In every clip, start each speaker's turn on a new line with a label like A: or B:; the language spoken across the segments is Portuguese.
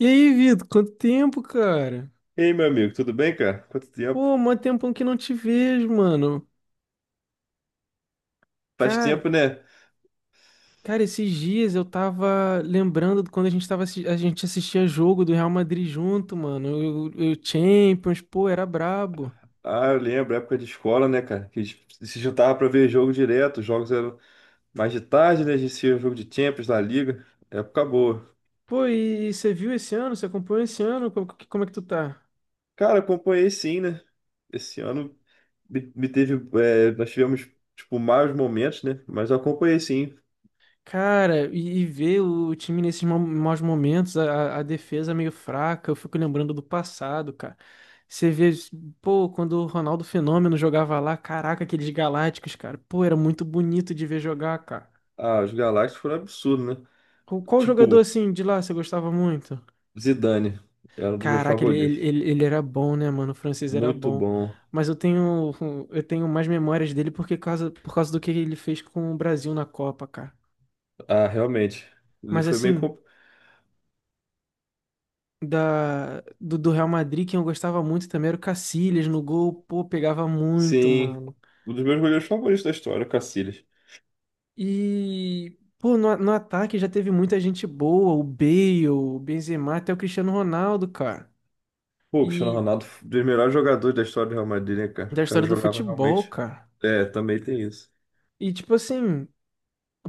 A: E aí, Vitor, quanto tempo, cara?
B: Ei, meu amigo, tudo bem, cara? Quanto tempo?
A: Pô, mó tempão que não te vejo, mano.
B: Faz
A: Cara,
B: tempo, né?
A: cara, esses dias eu tava lembrando de quando a gente tava, a gente assistia jogo do Real Madrid junto, mano. O Champions, pô, era brabo.
B: Ah, eu lembro, época de escola, né, cara? Que a gente se juntava pra ver jogo direto, os jogos eram mais de tarde, né? A gente tinha jogo de Champions da Liga, época boa.
A: Pô, e você viu esse ano? Você acompanhou esse ano? Como, como é que tu tá?
B: Cara, acompanhei sim, né? Esse ano me teve, nós tivemos, tipo, maus momentos, né? Mas eu acompanhei sim.
A: Cara, e ver o time nesses maus momentos, a defesa meio fraca, eu fico lembrando do passado, cara. Você vê, pô, quando o Ronaldo Fenômeno jogava lá, caraca, aqueles Galácticos, cara. Pô, era muito bonito de ver jogar, cara.
B: Ah, os Galácticos foram absurdos, né?
A: Qual, qual jogador
B: Tipo,
A: assim de lá você gostava muito?
B: Zidane, era um dos meus
A: Caraca, ele, ele,
B: favoritos.
A: ele ele era bom, né, mano? O francês era
B: Muito
A: bom.
B: bom.
A: Mas eu tenho, eu tenho mais memórias dele porque causa, por causa do que ele fez com o Brasil na Copa, cara.
B: Ah, realmente, ele
A: Mas
B: foi meio
A: assim,
B: complicado.
A: do Real Madrid, quem eu gostava muito também era o Casillas no gol, pô, pegava muito,
B: Sim,
A: mano.
B: um dos meus goleiros favoritos da história, o Casillas.
A: E, pô, no ataque já teve muita gente boa, o Bale, o Benzema, até o Cristiano Ronaldo, cara.
B: Pô, o Cristiano
A: E
B: Ronaldo, um dos melhores jogadores da história do Real Madrid, né, cara?
A: da
B: O cara
A: história do
B: jogava
A: futebol,
B: realmente.
A: cara.
B: É, também tem isso.
A: E, tipo assim.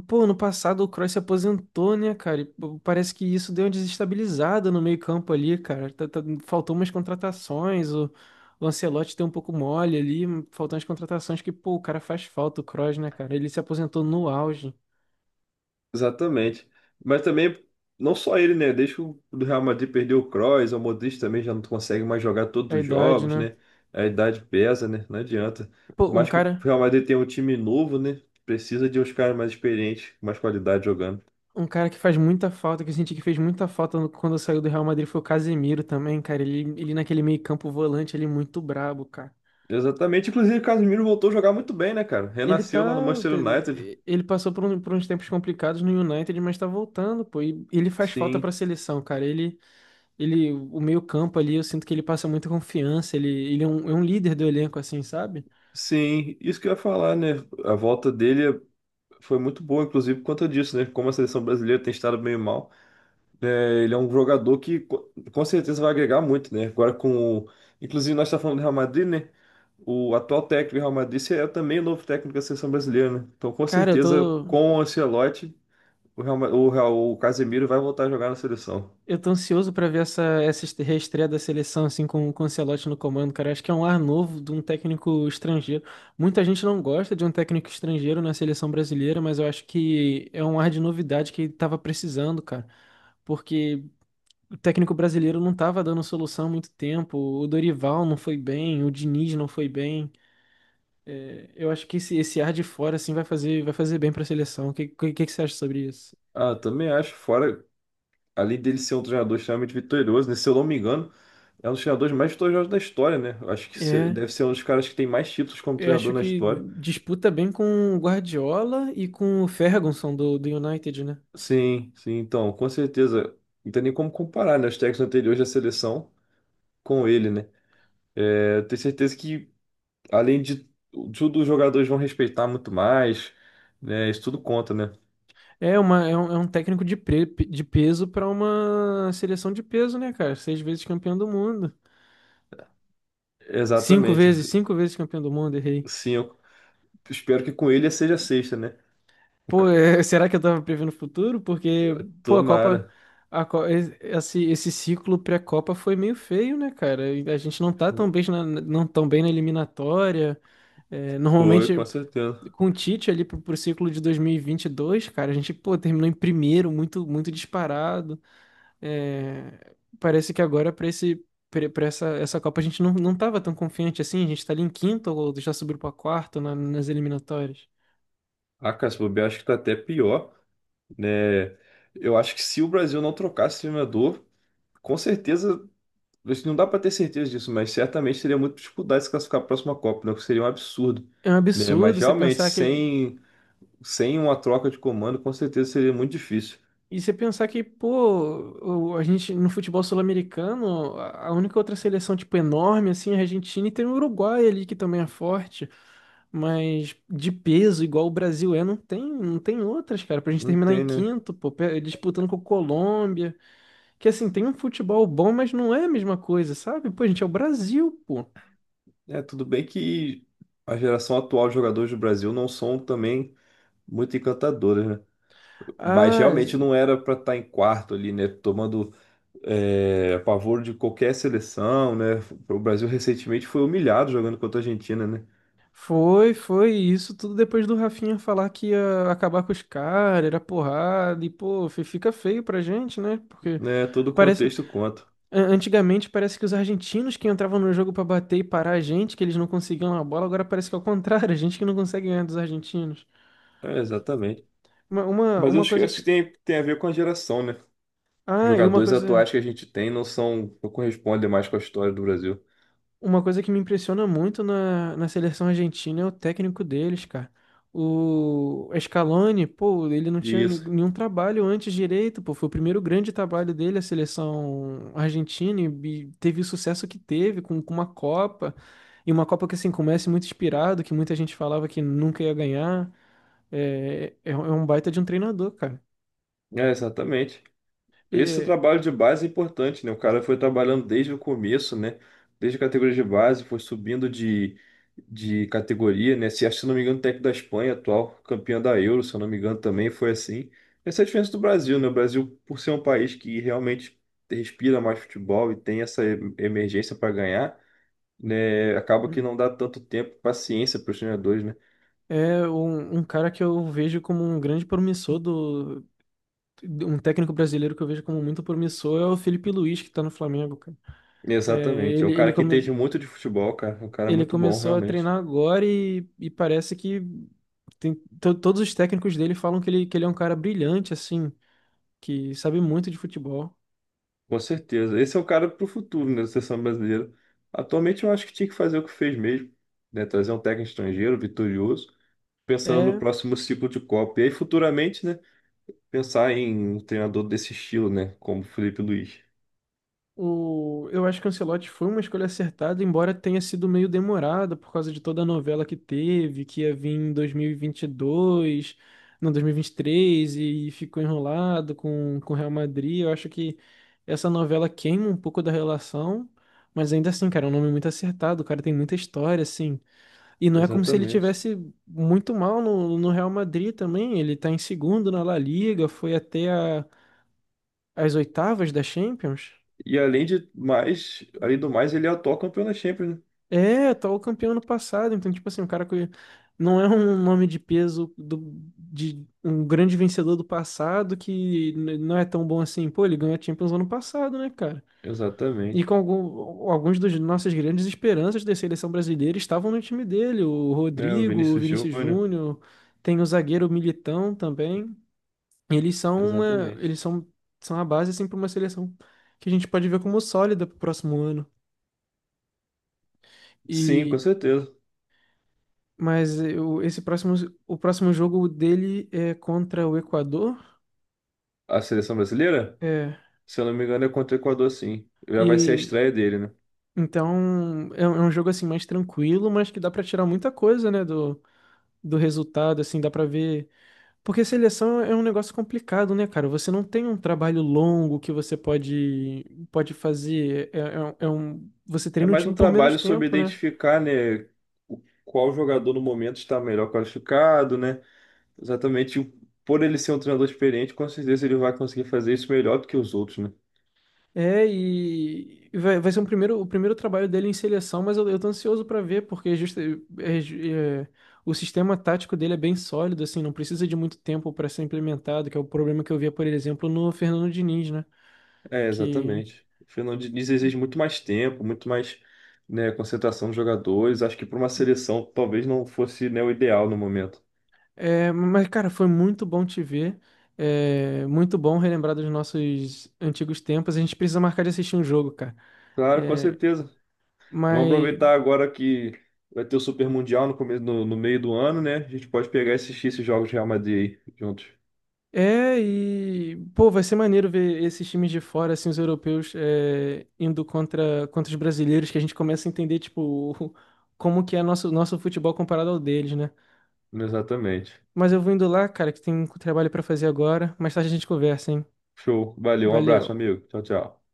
A: Pô, ano passado o Kroos se aposentou, né, cara? E, pô, parece que isso deu uma desestabilizada no meio-campo ali, cara. Faltou umas contratações, o Ancelotti deu um pouco mole ali, faltou umas contratações que, pô, o cara faz falta, o Kroos, né, cara? Ele se aposentou no auge,
B: Exatamente. Mas também, não só ele, né? Desde que o do Real Madrid perdeu o Kroos, o Modric também já não consegue mais jogar
A: a
B: todos os
A: idade,
B: jogos,
A: né?
B: né? A idade pesa, né? Não adianta. Por
A: Pô,
B: mais que o Real Madrid tenha um time novo, né? Precisa de uns caras mais experientes, com mais qualidade jogando.
A: um cara que faz muita falta, que eu senti que fez muita falta quando saiu do Real Madrid foi o Casemiro também, cara. Ele naquele meio-campo volante, ele é muito brabo, cara.
B: Exatamente. Inclusive, o Casemiro voltou a jogar muito bem, né, cara?
A: Ele tá.
B: Renasceu lá no Manchester United.
A: Ele passou por, por uns tempos complicados no United, mas tá voltando, pô. E ele faz falta
B: Sim.
A: pra seleção, cara. Ele, o meio-campo ali, eu sinto que ele passa muita confiança. Ele é um líder do elenco, assim, sabe?
B: Sim, isso que eu ia falar, né? A volta dele foi muito boa, inclusive por conta disso, né? Como a seleção brasileira tem estado meio mal, é, ele é um jogador que com certeza vai agregar muito, né? Inclusive, nós estamos falando do Real Madrid, né? O atual técnico do Real Madrid é também o novo técnico da seleção brasileira, né? Então, com
A: Cara, eu
B: certeza,
A: tô.
B: com o Ancelotti, o Real, Ma- o Real- o Casemiro vai voltar a jogar na seleção.
A: Eu tô ansioso pra ver essa, essa reestreia da seleção, assim, com o Ancelotti no comando, cara. Acho que é um ar novo de um técnico estrangeiro. Muita gente não gosta de um técnico estrangeiro na seleção brasileira, mas eu acho que é um ar de novidade que ele tava precisando, cara. Porque o técnico brasileiro não estava dando solução há muito tempo. O Dorival não foi bem, o Diniz não foi bem. É, eu acho que esse ar de fora assim vai fazer bem para a seleção. O que você acha sobre isso?
B: Ah, também acho, fora, além dele ser um treinador extremamente vitorioso, né? Se eu não me engano, é um dos treinadores mais vitoriosos da história, né? Eu acho que
A: É,
B: deve ser um dos caras que tem mais títulos como
A: eu
B: treinador
A: acho
B: na
A: que
B: história.
A: disputa bem com o Guardiola e com o Ferguson do United, né?
B: Sim, sim, então, com certeza. Não tem nem como comparar, né, os técnicos anteriores da seleção com ele, né? É, tenho certeza que, além de tudo, os jogadores vão respeitar muito mais, né? Isso tudo conta, né?
A: É, uma, é um técnico de, pre, de peso para uma seleção de peso, né, cara? Seis vezes campeão do mundo.
B: Exatamente.
A: Cinco vezes campeão do mundo, errei.
B: Sim, eu espero que com ele seja sexta, né? O
A: Pô,
B: ca-
A: é, será que eu tava prevendo o futuro? Porque, pô, a Copa,
B: Tomara.
A: a, esse, esse ciclo pré-Copa foi meio feio, né, cara? E a gente não tá tão bem na, não tão bem na eliminatória. É,
B: Foi,
A: normalmente,
B: com certeza.
A: com o Tite ali pro, pro ciclo de 2022, cara, a gente, pô, terminou em primeiro, muito, muito disparado. É, parece que agora pra esse. Para essa, essa Copa a gente não, não tava tão confiante assim, a gente tá ali em quinto ou já subiu pra quarto nas eliminatórias.
B: Ah, cara, se bobear, acho que tá até pior, né? Eu acho que se o Brasil não trocasse esse treinador, com certeza, isso não dá para ter certeza disso, mas certamente teria muita dificuldade de se classificar para a próxima Copa, né? O que seria um absurdo,
A: É um
B: né? Mas
A: absurdo você
B: realmente,
A: pensar que.
B: sem uma troca de comando, com certeza seria muito difícil.
A: E você pensar que, pô, a gente no futebol sul-americano, a única outra seleção, tipo, enorme, assim, é a Argentina e tem o Uruguai ali que também é forte. Mas de peso, igual o Brasil é, não tem, não tem outras, cara. Pra gente
B: Não
A: terminar em
B: tem, né?
A: quinto, pô, disputando com a Colômbia. Que assim, tem um futebol bom, mas não é a mesma coisa, sabe? Pô, a gente é o Brasil, pô.
B: É, tudo bem que a geração atual de jogadores do Brasil não são também muito encantadoras, né? Mas
A: Ah,
B: realmente não era para estar em quarto ali, né? Tomando a pavor de qualquer seleção, né? O Brasil recentemente foi humilhado jogando contra a Argentina, né?
A: foi, foi. E isso tudo depois do Rafinha falar que ia acabar com os caras, era porrada, e pô, fica feio pra gente, né? Porque
B: Né, todo
A: parece.
B: contexto conta.
A: Antigamente parece que os argentinos que entravam no jogo pra bater e parar a gente, que eles não conseguiam a bola, agora parece que é o contrário, a gente que não consegue ganhar dos argentinos.
B: É, exatamente.
A: Uma, uma,
B: Mas eu
A: uma
B: acho que
A: coisa que.
B: tem, tem a ver com a geração, né?
A: Ah, e uma
B: Jogadores
A: coisa.
B: atuais que a gente tem não são, não correspondem mais com a história do Brasil.
A: Uma coisa que me impressiona muito na seleção argentina é o técnico deles, cara. O Scaloni, pô, ele não tinha
B: Isso.
A: nenhum trabalho antes direito, pô. Foi o primeiro grande trabalho dele, a seleção argentina, e teve o sucesso que teve com uma Copa. E uma Copa que, assim, começa muito inspirado, que muita gente falava que nunca ia ganhar. É, é um baita de um treinador, cara.
B: É, exatamente. Esse
A: E-
B: trabalho de base é importante, né? O cara foi trabalhando desde o começo, né? Desde a categoria de base, foi subindo de categoria, né? Se, acho se não me engano, o técnico da Espanha, atual campeão da Euro, se eu não me engano, também foi assim. Essa é a diferença do Brasil, né? O Brasil, por ser um país que realmente respira mais futebol e tem essa emergência para ganhar, né? Acaba que não
A: é
B: dá tanto tempo, paciência para os treinadores, né?
A: é um, um cara que eu vejo como um grande promissor. Um técnico brasileiro que eu vejo como muito promissor é o Felipe Luiz, que tá no Flamengo, cara. É,
B: Exatamente. É
A: ele,
B: um
A: ele,
B: cara que entende muito de futebol, cara. É um cara
A: ele
B: muito bom,
A: começou a
B: realmente.
A: treinar agora e parece que tem, todos os técnicos dele falam que ele é um cara brilhante, assim, que sabe muito de futebol.
B: Com certeza. Esse é o cara para o futuro, né, da seleção brasileira. Atualmente eu acho que tinha que fazer o que fez mesmo, né, trazer um técnico estrangeiro vitorioso, pensando no
A: É,
B: próximo ciclo de Copa. E aí futuramente, né, pensar em um treinador desse estilo, né, como Felipe Luiz.
A: o, eu acho que o Ancelotti foi uma escolha acertada, embora tenha sido meio demorada por causa de toda a novela que teve, que ia vir em 2022, não, 2023, e vinte e três, e ficou enrolado com o Real Madrid. Eu acho que essa novela queima um pouco da relação, mas ainda assim, cara, é um nome muito acertado, o cara tem muita história, assim. E não é como se ele
B: Exatamente.
A: tivesse muito mal no Real Madrid também, ele tá em segundo na La Liga, foi até as oitavas da Champions.
B: E além de mais, além do mais, ele é atual campeão da Champions, né?
A: É, atual campeão ano passado. Então, tipo assim, o cara que não é um nome de peso do, de um grande vencedor do passado que não é tão bom assim. Pô, ele ganhou a Champions ano passado, né, cara? E
B: Exatamente.
A: com algum, alguns dos nossas grandes esperanças da seleção brasileira estavam no time dele. O
B: Né, o
A: Rodrigo, o
B: Vinícius
A: Vinícius
B: Júnior.
A: Júnior, tem o zagueiro Militão também. Eles são uma, eles
B: Exatamente.
A: são, são a base assim para uma seleção que a gente pode ver como sólida pro próximo ano.
B: Sim, com
A: E
B: certeza.
A: mas eu, esse próximo, o próximo jogo dele é contra o Equador.
B: A seleção brasileira,
A: É.
B: se eu não me engano, é contra o Equador, sim. Já vai ser a
A: E
B: estreia dele, né?
A: então é um jogo assim mais tranquilo, mas que dá pra tirar muita coisa, né, do, do resultado, assim, dá pra ver. Porque seleção é um negócio complicado, né, cara? Você não tem um trabalho longo que você pode pode fazer. É, é, um, você
B: É
A: treina o
B: mais um
A: time por menos
B: trabalho sobre
A: tempo, né?
B: identificar, né, qual jogador no momento está melhor qualificado, né? Exatamente, o- por ele ser um treinador experiente, com certeza ele vai conseguir fazer isso melhor do que os outros, né?
A: É, e vai, vai ser um primeiro, o primeiro trabalho dele em seleção, mas eu tô ansioso pra ver, porque é, o sistema tático dele é bem sólido, assim, não precisa de muito tempo pra ser implementado, que é o problema que eu via, por exemplo, no Fernando Diniz, né?
B: É,
A: Que,
B: exatamente. O Fernando Diniz exige muito mais tempo, muito mais, né, concentração dos jogadores. Acho que para uma seleção talvez não fosse, né, o ideal no momento.
A: é, mas, cara, foi muito bom te ver, é, muito bom relembrar dos nossos antigos tempos, a gente precisa marcar de assistir um jogo, cara.
B: Claro, com
A: É,
B: certeza. Vamos
A: mas
B: aproveitar agora que vai ter o Super Mundial no começo, no meio do ano, né? A gente pode pegar e assistir esses jogos de Real Madrid aí juntos.
A: é, e, pô, vai ser maneiro ver esses times de fora, assim, os europeus é, indo contra, contra os brasileiros, que a gente começa a entender, tipo, o- como que é nosso, nosso futebol comparado ao deles, né?
B: Exatamente.
A: Mas eu vou indo lá, cara, que tem um trabalho pra fazer agora. Mais tarde a gente conversa, hein?
B: Show. Valeu, um
A: Valeu.
B: abraço, amigo. Tchau, tchau.